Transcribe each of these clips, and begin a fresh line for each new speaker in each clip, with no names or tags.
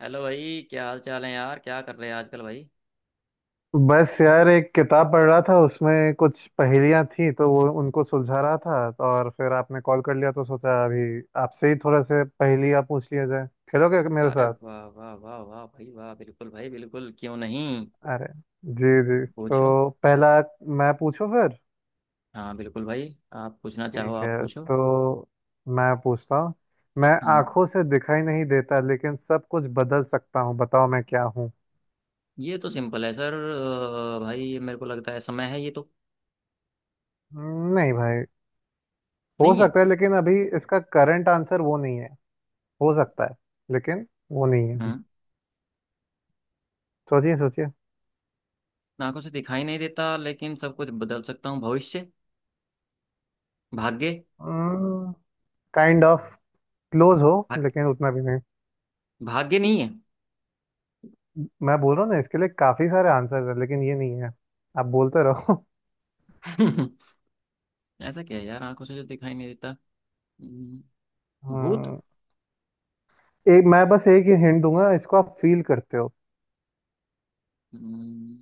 Hello भाई, क्या हाल चाल है यार। क्या कर रहे हैं आजकल भाई।
बस यार, एक किताब पढ़ रहा था। उसमें कुछ पहेलियां थी तो वो उनको सुलझा रहा था। और फिर आपने कॉल कर लिया तो सोचा अभी आपसे ही थोड़ा से पहेलियां पूछ लिया जाए। खेलोगे मेरे
अरे
साथ?
वाह वाह वाह वाह भाई वाह, बिल्कुल भाई, बिल्कुल, क्यों नहीं।
अरे। जी जी, तो
पूछो।
पहला मैं पूछूं फिर?
हाँ बिल्कुल भाई, आप पूछना चाहो
ठीक
आप
है,
पूछो।
तो मैं पूछता हूँ। मैं
हम्म,
आंखों से दिखाई नहीं देता लेकिन सब कुछ बदल सकता हूँ, बताओ मैं क्या हूँ?
ये तो सिंपल है सर। भाई ये मेरे को लगता है समय है ये तो।
नहीं भाई। हो
नहीं है।
सकता है लेकिन अभी इसका करंट आंसर वो नहीं है। हो सकता है, लेकिन वो नहीं है अभी।
हम्म
सोचिए सोचिए।
आंखों से दिखाई नहीं देता लेकिन सब कुछ बदल सकता हूँ। भविष्य। भाग्य।
काइंड ऑफ क्लोज हो
भाग,
लेकिन उतना भी नहीं।
भाग्य नहीं है।
मैं बोल रहा हूँ ना, इसके लिए काफी सारे आंसर्स हैं लेकिन ये नहीं है। आप बोलते रहो।
ऐसा क्या है यार आंखों से जो दिखाई नहीं देता। हम्म, भूत।
हम्म। एक मैं बस एक ही हिंट दूंगा, इसको आप फील करते हो।
हम्म,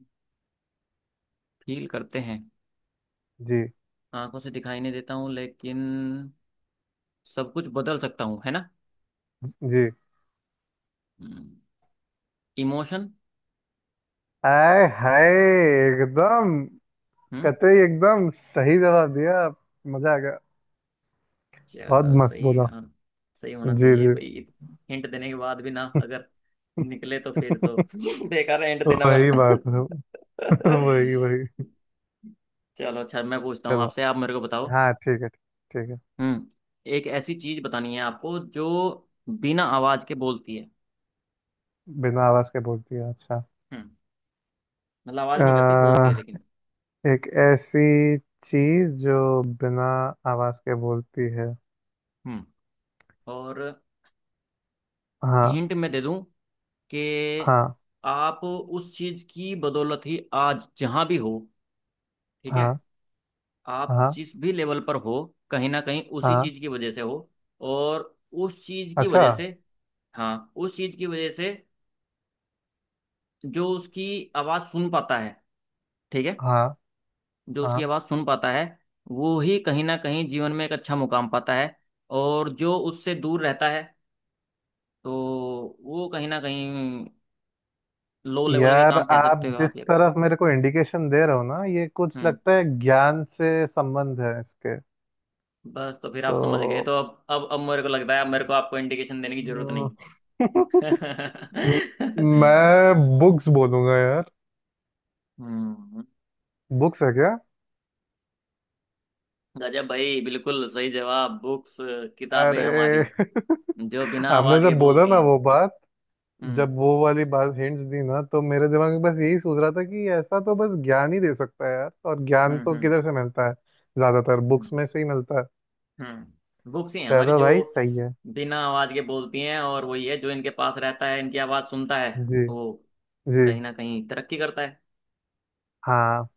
फील करते हैं।
जी।
आंखों से दिखाई नहीं देता हूँ लेकिन सब कुछ बदल सकता हूँ, है ना।
जी।
इमोशन।
आए हाय! एकदम,
हम्म।
कतई एकदम सही जवाब दिया आप। मजा आ गया। बहुत
चलो
मस्त
सही है,
बोला।
हाँ। सही होना
जी
चाहिए
जी।
भाई। हिंट देने के बाद भी ना अगर निकले तो फिर तो बेकार है हिंट देने
वही
वाला।
बात है। वही वही।
चलो अच्छा, मैं पूछता हूँ
चलो।
आपसे, आप मेरे को बताओ।
हाँ ठीक है ठीक है।
हम्म। एक ऐसी चीज बतानी है आपको जो बिना आवाज के बोलती है।
बिना आवाज के बोल दिया? अच्छा।
हम्म। मतलब आवाज नहीं करती, बोलती है
आ,
लेकिन।
एक ऐसी चीज जो बिना आवाज के बोलती है।
हम्म। और
हाँ।
हिंट मैं दे दूं कि
हाँ।
आप उस चीज की बदौलत ही आज जहां भी हो, ठीक है,
हाँ।
आप
हाँ।
जिस भी लेवल पर हो, कहीं ना कहीं उसी
हाँ।
चीज की वजह से हो। और उस चीज की
अच्छा।
वजह से, हाँ उस चीज की वजह से, जो उसकी आवाज सुन पाता है, ठीक है,
हाँ।
जो उसकी
हाँ।
आवाज सुन पाता है, वो ही कहीं ना कहीं जीवन में एक अच्छा मुकाम पाता है। और जो उससे दूर रहता है तो वो कहीं ना कहीं लो लेवल के
यार,
काम, कह
आप
सकते हो आप
जिस
ये।
तरफ मेरे को इंडिकेशन दे रहे हो ना, ये कुछ
हम्म।
लगता है ज्ञान से संबंध है इसके।
बस तो फिर आप समझ गए,
तो
तो अब मेरे को लगता है अब मेरे को आपको इंडिकेशन देने की जरूरत नहीं।
म- मैं बुक्स बोलूंगा यार।
हम्म।
बुक्स है क्या?
गजब भाई, बिल्कुल सही जवाब, बुक्स। किताबें हमारी
अरे!
जो बिना
आपने
आवाज के
जब बोला
बोलती
ना
हैं।
वो बात,
हम्म
जब वो वाली बात हिंट्स दी ना, तो मेरे दिमाग में बस यही सोच रहा था कि ऐसा तो बस ज्ञान ही दे सकता है यार। और
हम्म।
ज्ञान तो
हम्म
किधर से मिलता है? ज्यादातर बुक्स में से ही मिलता है।
हम्म बुक्स ही हैं हमारी
चलो
जो
भाई सही है।
बिना आवाज के बोलती हैं और वही है जो इनके पास रहता है, इनकी आवाज सुनता है,
जी
वो
जी।
कहीं ना कहीं तरक्की करता है।
हाँ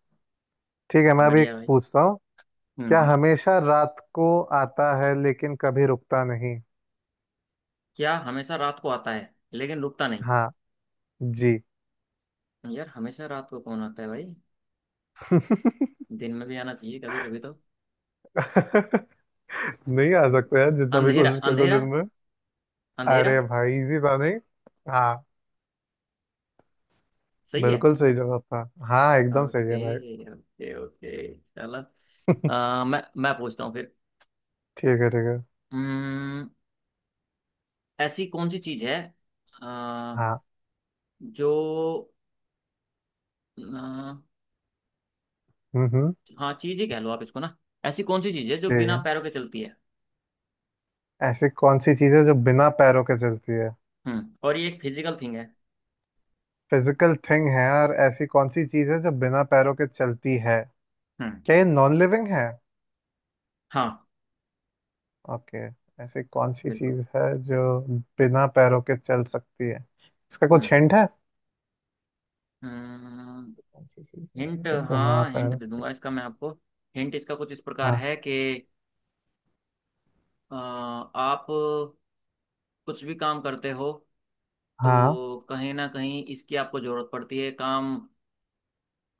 ठीक है। मैं अभी
बढ़िया
एक
भाई।
पूछता हूँ। क्या
हम्म।
हमेशा रात को आता है लेकिन कभी रुकता नहीं?
क्या हमेशा रात को आता है लेकिन रुकता नहीं।
हाँ। जी।
यार हमेशा रात को कौन आता है भाई, दिन में भी आना चाहिए कभी कभी तो।
नहीं आ सकता यार, जितना भी
अंधेरा,
कोशिश कर लो
अंधेरा।
दिन में। अरे
अंधेरा।
भाई, इजी था नहीं। हाँ।
सही है।
बिल्कुल सही जवाब था। हाँ, एकदम सही है
ओके।
भाई।
Okay okay. चलो। मैं पूछता हूँ फिर।
ठीक है ठीक है।
अम्म, ऐसी कौन सी चीज है, अ,
हाँ।
जो, अ,
हम्म।
हाँ चीज ही कह लो आप इसको ना, ऐसी कौन सी चीज है जो
ठीक
बिना
है।
पैरों के चलती है।
ऐसी कौन सी चीज है जो बिना पैरों के चलती है?
हम्म, और ये एक फिजिकल थिंग है।
फिजिकल थिंग है? और ऐसी कौन सी चीज है जो बिना पैरों के चलती है?
हम्म।
क्या ये नॉन लिविंग है?
हाँ
ओके। ऐसी कौन सी
बिल्कुल।
चीज है जो बिना पैरों के चल सकती है? इसका
हम्म।
कुछ हिंट है? कौन सी चीज है
हिंट,
जो बिना
हाँ हिंट
पैरों
दे
के?
दूंगा इसका मैं आपको। हिंट इसका कुछ इस प्रकार
हाँ।
है कि आप कुछ भी काम करते हो
हाँ।
तो कहीं ना कहीं इसकी आपको जरूरत पड़ती है, काम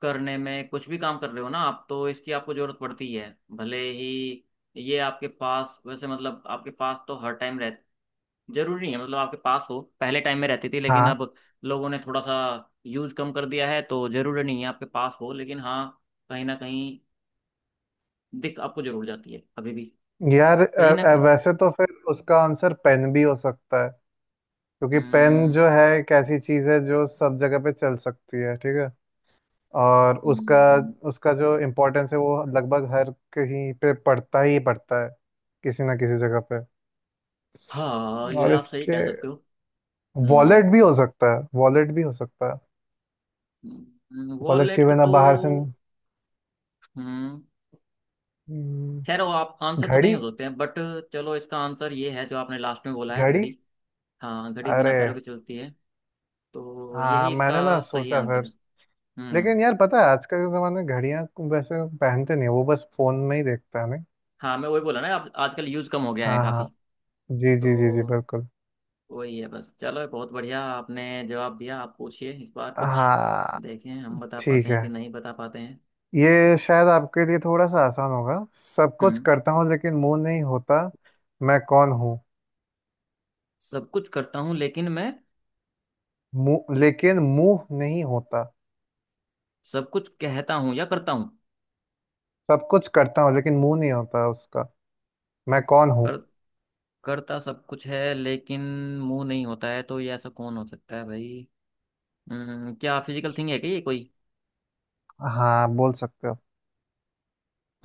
करने में। कुछ भी काम कर रहे हो ना आप, तो इसकी आपको जरूरत पड़ती है। भले ही ये आपके पास वैसे, मतलब आपके पास तो हर टाइम रह जरूरी नहीं है, मतलब आपके पास हो। पहले टाइम में रहती थी लेकिन
हाँ।
अब लोगों ने थोड़ा सा यूज कम कर दिया है, तो जरूरी नहीं है आपके पास हो, लेकिन हाँ कहीं ना कहीं दिख आपको जरूर जाती है अभी भी,
यार,
कहीं ना कहीं।
वैसे तो फिर उसका आंसर पेन भी हो सकता है। क्योंकि पेन
हम्म।
जो है एक ऐसी चीज है जो सब जगह पे चल सकती है। ठीक है। और उसका
हम्म,
उसका जो इम्पोर्टेंस है वो लगभग हर कहीं पे पड़ता ही पड़ता है, किसी ना किसी जगह पे।
हाँ ये
और
आप सही कह
इसके
सकते हो। हम्म।
वॉलेट भी हो सकता है। वॉलेट भी हो सकता है। वॉलेट के
वॉलेट
बिना
तो।
बाहर से।
हम्म।
हम्म।
खैर वो आप आंसर तो कहीं
घड़ी।
हो सकते हैं, बट चलो इसका आंसर ये है जो आपने लास्ट में बोला है,
घड़ी।
घड़ी। हाँ घड़ी बिना
अरे!
पैरों के चलती है, तो
हाँ,
यही
मैंने ना
इसका सही
सोचा
आंसर
फिर।
है।
लेकिन
हम्म।
यार पता है, आजकल के ज़माने में घड़ियाँ को वैसे पहनते नहीं है, वो बस फोन में ही देखता है नहीं।
हाँ मैं वही बोला ना, आप आजकल यूज कम हो गया है
हाँ हाँ।
काफी।
जी जी जी जी
तो
बिल्कुल।
वही है बस। चलो बहुत बढ़िया आपने जवाब दिया। आप पूछिए इस बार कुछ,
हाँ
देखें हम बता पाते
ठीक
हैं
है।
कि नहीं बता पाते हैं।
ये शायद आपके लिए थोड़ा सा आसान होगा। सब कुछ
हम्म।
करता हूँ लेकिन मुंह नहीं होता, मैं कौन हूँ?
सब कुछ करता हूँ लेकिन मैं।
मुंह, लेकिन मुंह नहीं होता।
सब कुछ कहता हूँ या करता हूँ।
सब कुछ करता हूँ लेकिन मुंह नहीं होता उसका। मैं कौन हूँ?
कर करता सब कुछ है लेकिन मुंह नहीं होता है, तो ये ऐसा कौन हो सकता है भाई। क्या फिजिकल थिंग है क्या ये कोई।
हाँ बोल सकते हो।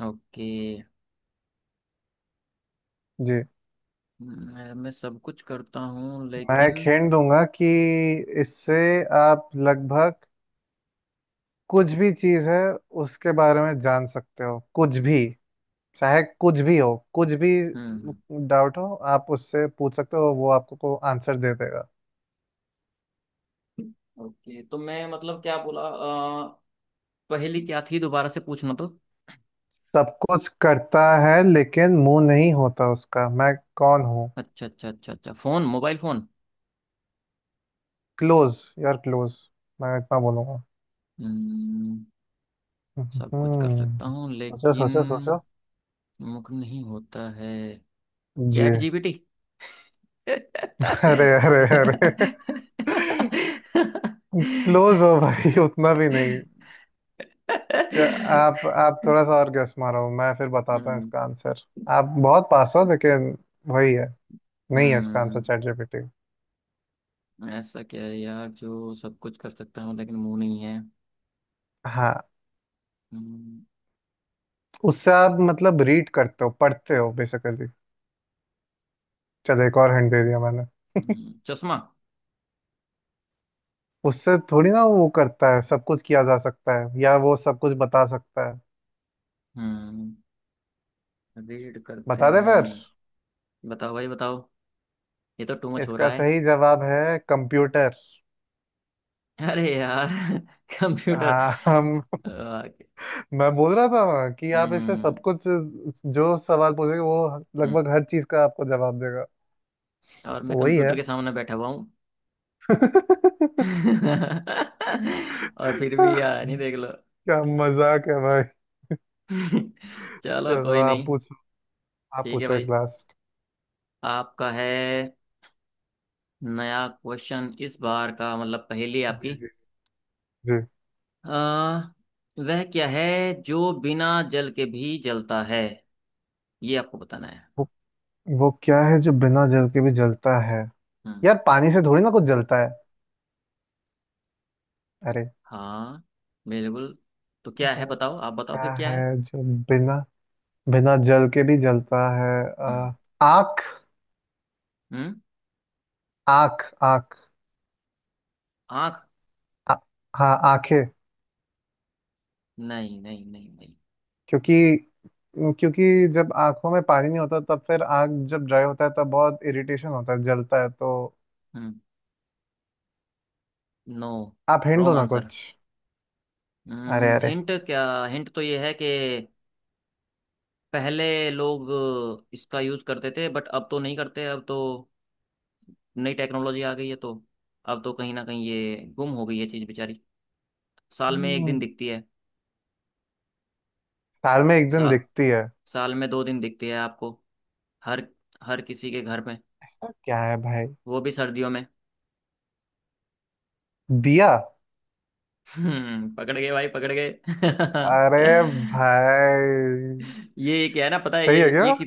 ओके।
जी।
मैं सब कुछ करता हूँ
मैं एक
लेकिन।
hint दूंगा कि इससे आप लगभग कुछ भी चीज़ है उसके बारे में जान सकते हो। कुछ भी, चाहे कुछ भी हो, कुछ भी
हम्म।
डाउट हो, आप उससे पूछ सकते हो, वो आपको को आंसर दे देगा।
ओके, तो मैं मतलब क्या बोला पहली क्या थी दोबारा से पूछना तो।
सब कुछ करता है लेकिन मुंह नहीं होता उसका, मैं कौन हूँ?
अच्छा अच्छा अच्छा अच्छा, फोन, मोबाइल फोन।
क्लोज यार, क्लोज। मैं इतना बोलूंगा।
हम्म, सब कुछ कर सकता
हम्म।
हूँ
सोचो
लेकिन
सोचो सोचो।
मुख नहीं होता है।
जी।
ChatGPT. हम्म,
अरे अरे अरे! क्लोज हो भाई, उतना भी नहीं। च- आप थोड़ा सा और गेस मारो, मैं फिर बताता हूँ इसका आंसर। आप बहुत पास हो लेकिन वही है। नहीं है इसका आंसर
हम्म,
चैट जीपीटी।
ऐसा क्या है यार जो सब कुछ कर सकता हूँ लेकिन मुंह नहीं है।
हाँ।
हम्म,
उससे आप मतलब रीड करते हो, पढ़ते हो बेसिकली। चलो एक और हिंट दे दिया मैंने।
चश्मा।
उससे थोड़ी ना वो करता है, सब कुछ किया जा सकता है, या वो सब कुछ बता सकता है।
हम्म। रीड करते
बता दे
हैं।
फिर।
बताओ भाई बताओ, ये तो टू मच हो रहा
इसका
है।
सही जवाब है कंप्यूटर।
अरे यार कंप्यूटर।
हाँ हम।
आ,
मैं बोल रहा था कि आप इससे
हम्म।
सब कुछ जो सवाल पूछेंगे, वो
हम्म,
लगभग हर चीज का आपको जवाब देगा।
और
तो
मैं
वही है।
कंप्यूटर के सामने बैठा हुआ हूँ। और फिर भी यार नहीं देख लो।
क्या मजाक है भाई!
चलो
चलो
कोई
आप
नहीं।
पूछो। आप
ठीक है
पूछो एक
भाई।
लास्ट।
आपका है नया क्वेश्चन इस बार का, मतलब पहेली
जी
आपकी।
जी। जी।
आ, वह क्या है जो बिना जल के भी जलता है, ये आपको बताना है।
वो, वो क्या है जो बिना जल के भी जलता है?
हम्म।
यार, पानी से थोड़ी ना कुछ जलता है। अरे!
हाँ बिल्कुल। तो क्या है
वो
बताओ, आप बताओ
क्या
फिर क्या
है
है।
जो बिना बिना जल के भी जलता है?
हम्म
आँख।
हम्म
आँख आँख।
आँख।
आ- हाँ आंखें।
नहीं नहीं नहीं नहीं।
क्योंकि क्योंकि जब आंखों में पानी नहीं होता तब फिर आँख जब ड्राई होता है तब बहुत इरिटेशन होता है, जलता है तो।
हम्म। नो।
आप हिंट दो
रॉन्ग
ना
आंसर।
कुछ। अरे
हम्म,
अरे।
हिंट क्या। हिंट तो ये है कि पहले लोग इसका यूज़ करते थे, बट अब तो नहीं करते, अब तो नई टेक्नोलॉजी आ गई है, तो अब तो कहीं ना कहीं ये गुम हो गई है चीज़ बेचारी। साल में एक दिन
हम्म।
दिखती है।
साल में एक दिन
साल
दिखती है?
साल में दो दिन दिखती है आपको, हर हर किसी के घर में।
ऐसा क्या है भाई?
वो भी सर्दियों में।
दिया।
हम्म, पकड़ गए भाई, पकड़ गए।
अरे भाई!
ये क्या है ना पता है
सही
ये
है क्या?
ये कि,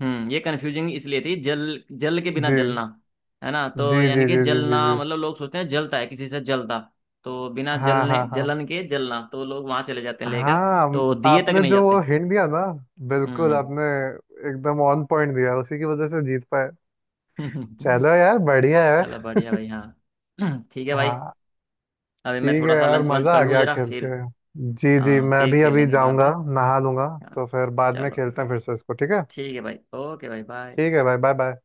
हम्म, ये कंफ्यूजिंग इसलिए थी, जल जल के बिना
जी
जलना, है ना।
जी
तो
जी
यानी कि
जी जी जी
जलना
जी।
मतलब लोग सोचते हैं जलता है, किसी से जलता। तो बिना
हाँ
जलने,
हाँ हाँ
जलन के जलना तो लोग वहां चले जाते हैं लेकर,
हाँ।
तो दिए तक
आपने
नहीं
जो वो
जाते।
हिंट दिया ना, बिल्कुल आपने एकदम ऑन पॉइंट दिया, उसी की वजह से जीत पाए।
हम्म।
चलो यार बढ़िया है।
चलो बढ़िया भाई। हाँ ठीक है भाई,
हाँ।
अभी मैं
ठीक है
थोड़ा सा
यार,
लंच वंच
मज़ा
कर
आ
लूँ
गया
जरा
खेल के।
फिर।
जी जी,
हाँ
मैं
फिर
भी अभी
खेलेंगे बाद
जाऊंगा
में।
नहा लूंगा।
हाँ।
तो फिर बाद में
चलो
खेलते हैं फिर से इसको। ठीक है।
ठीक है भाई, ओके भाई, बाय।
ठीक है भाई। Bye bye.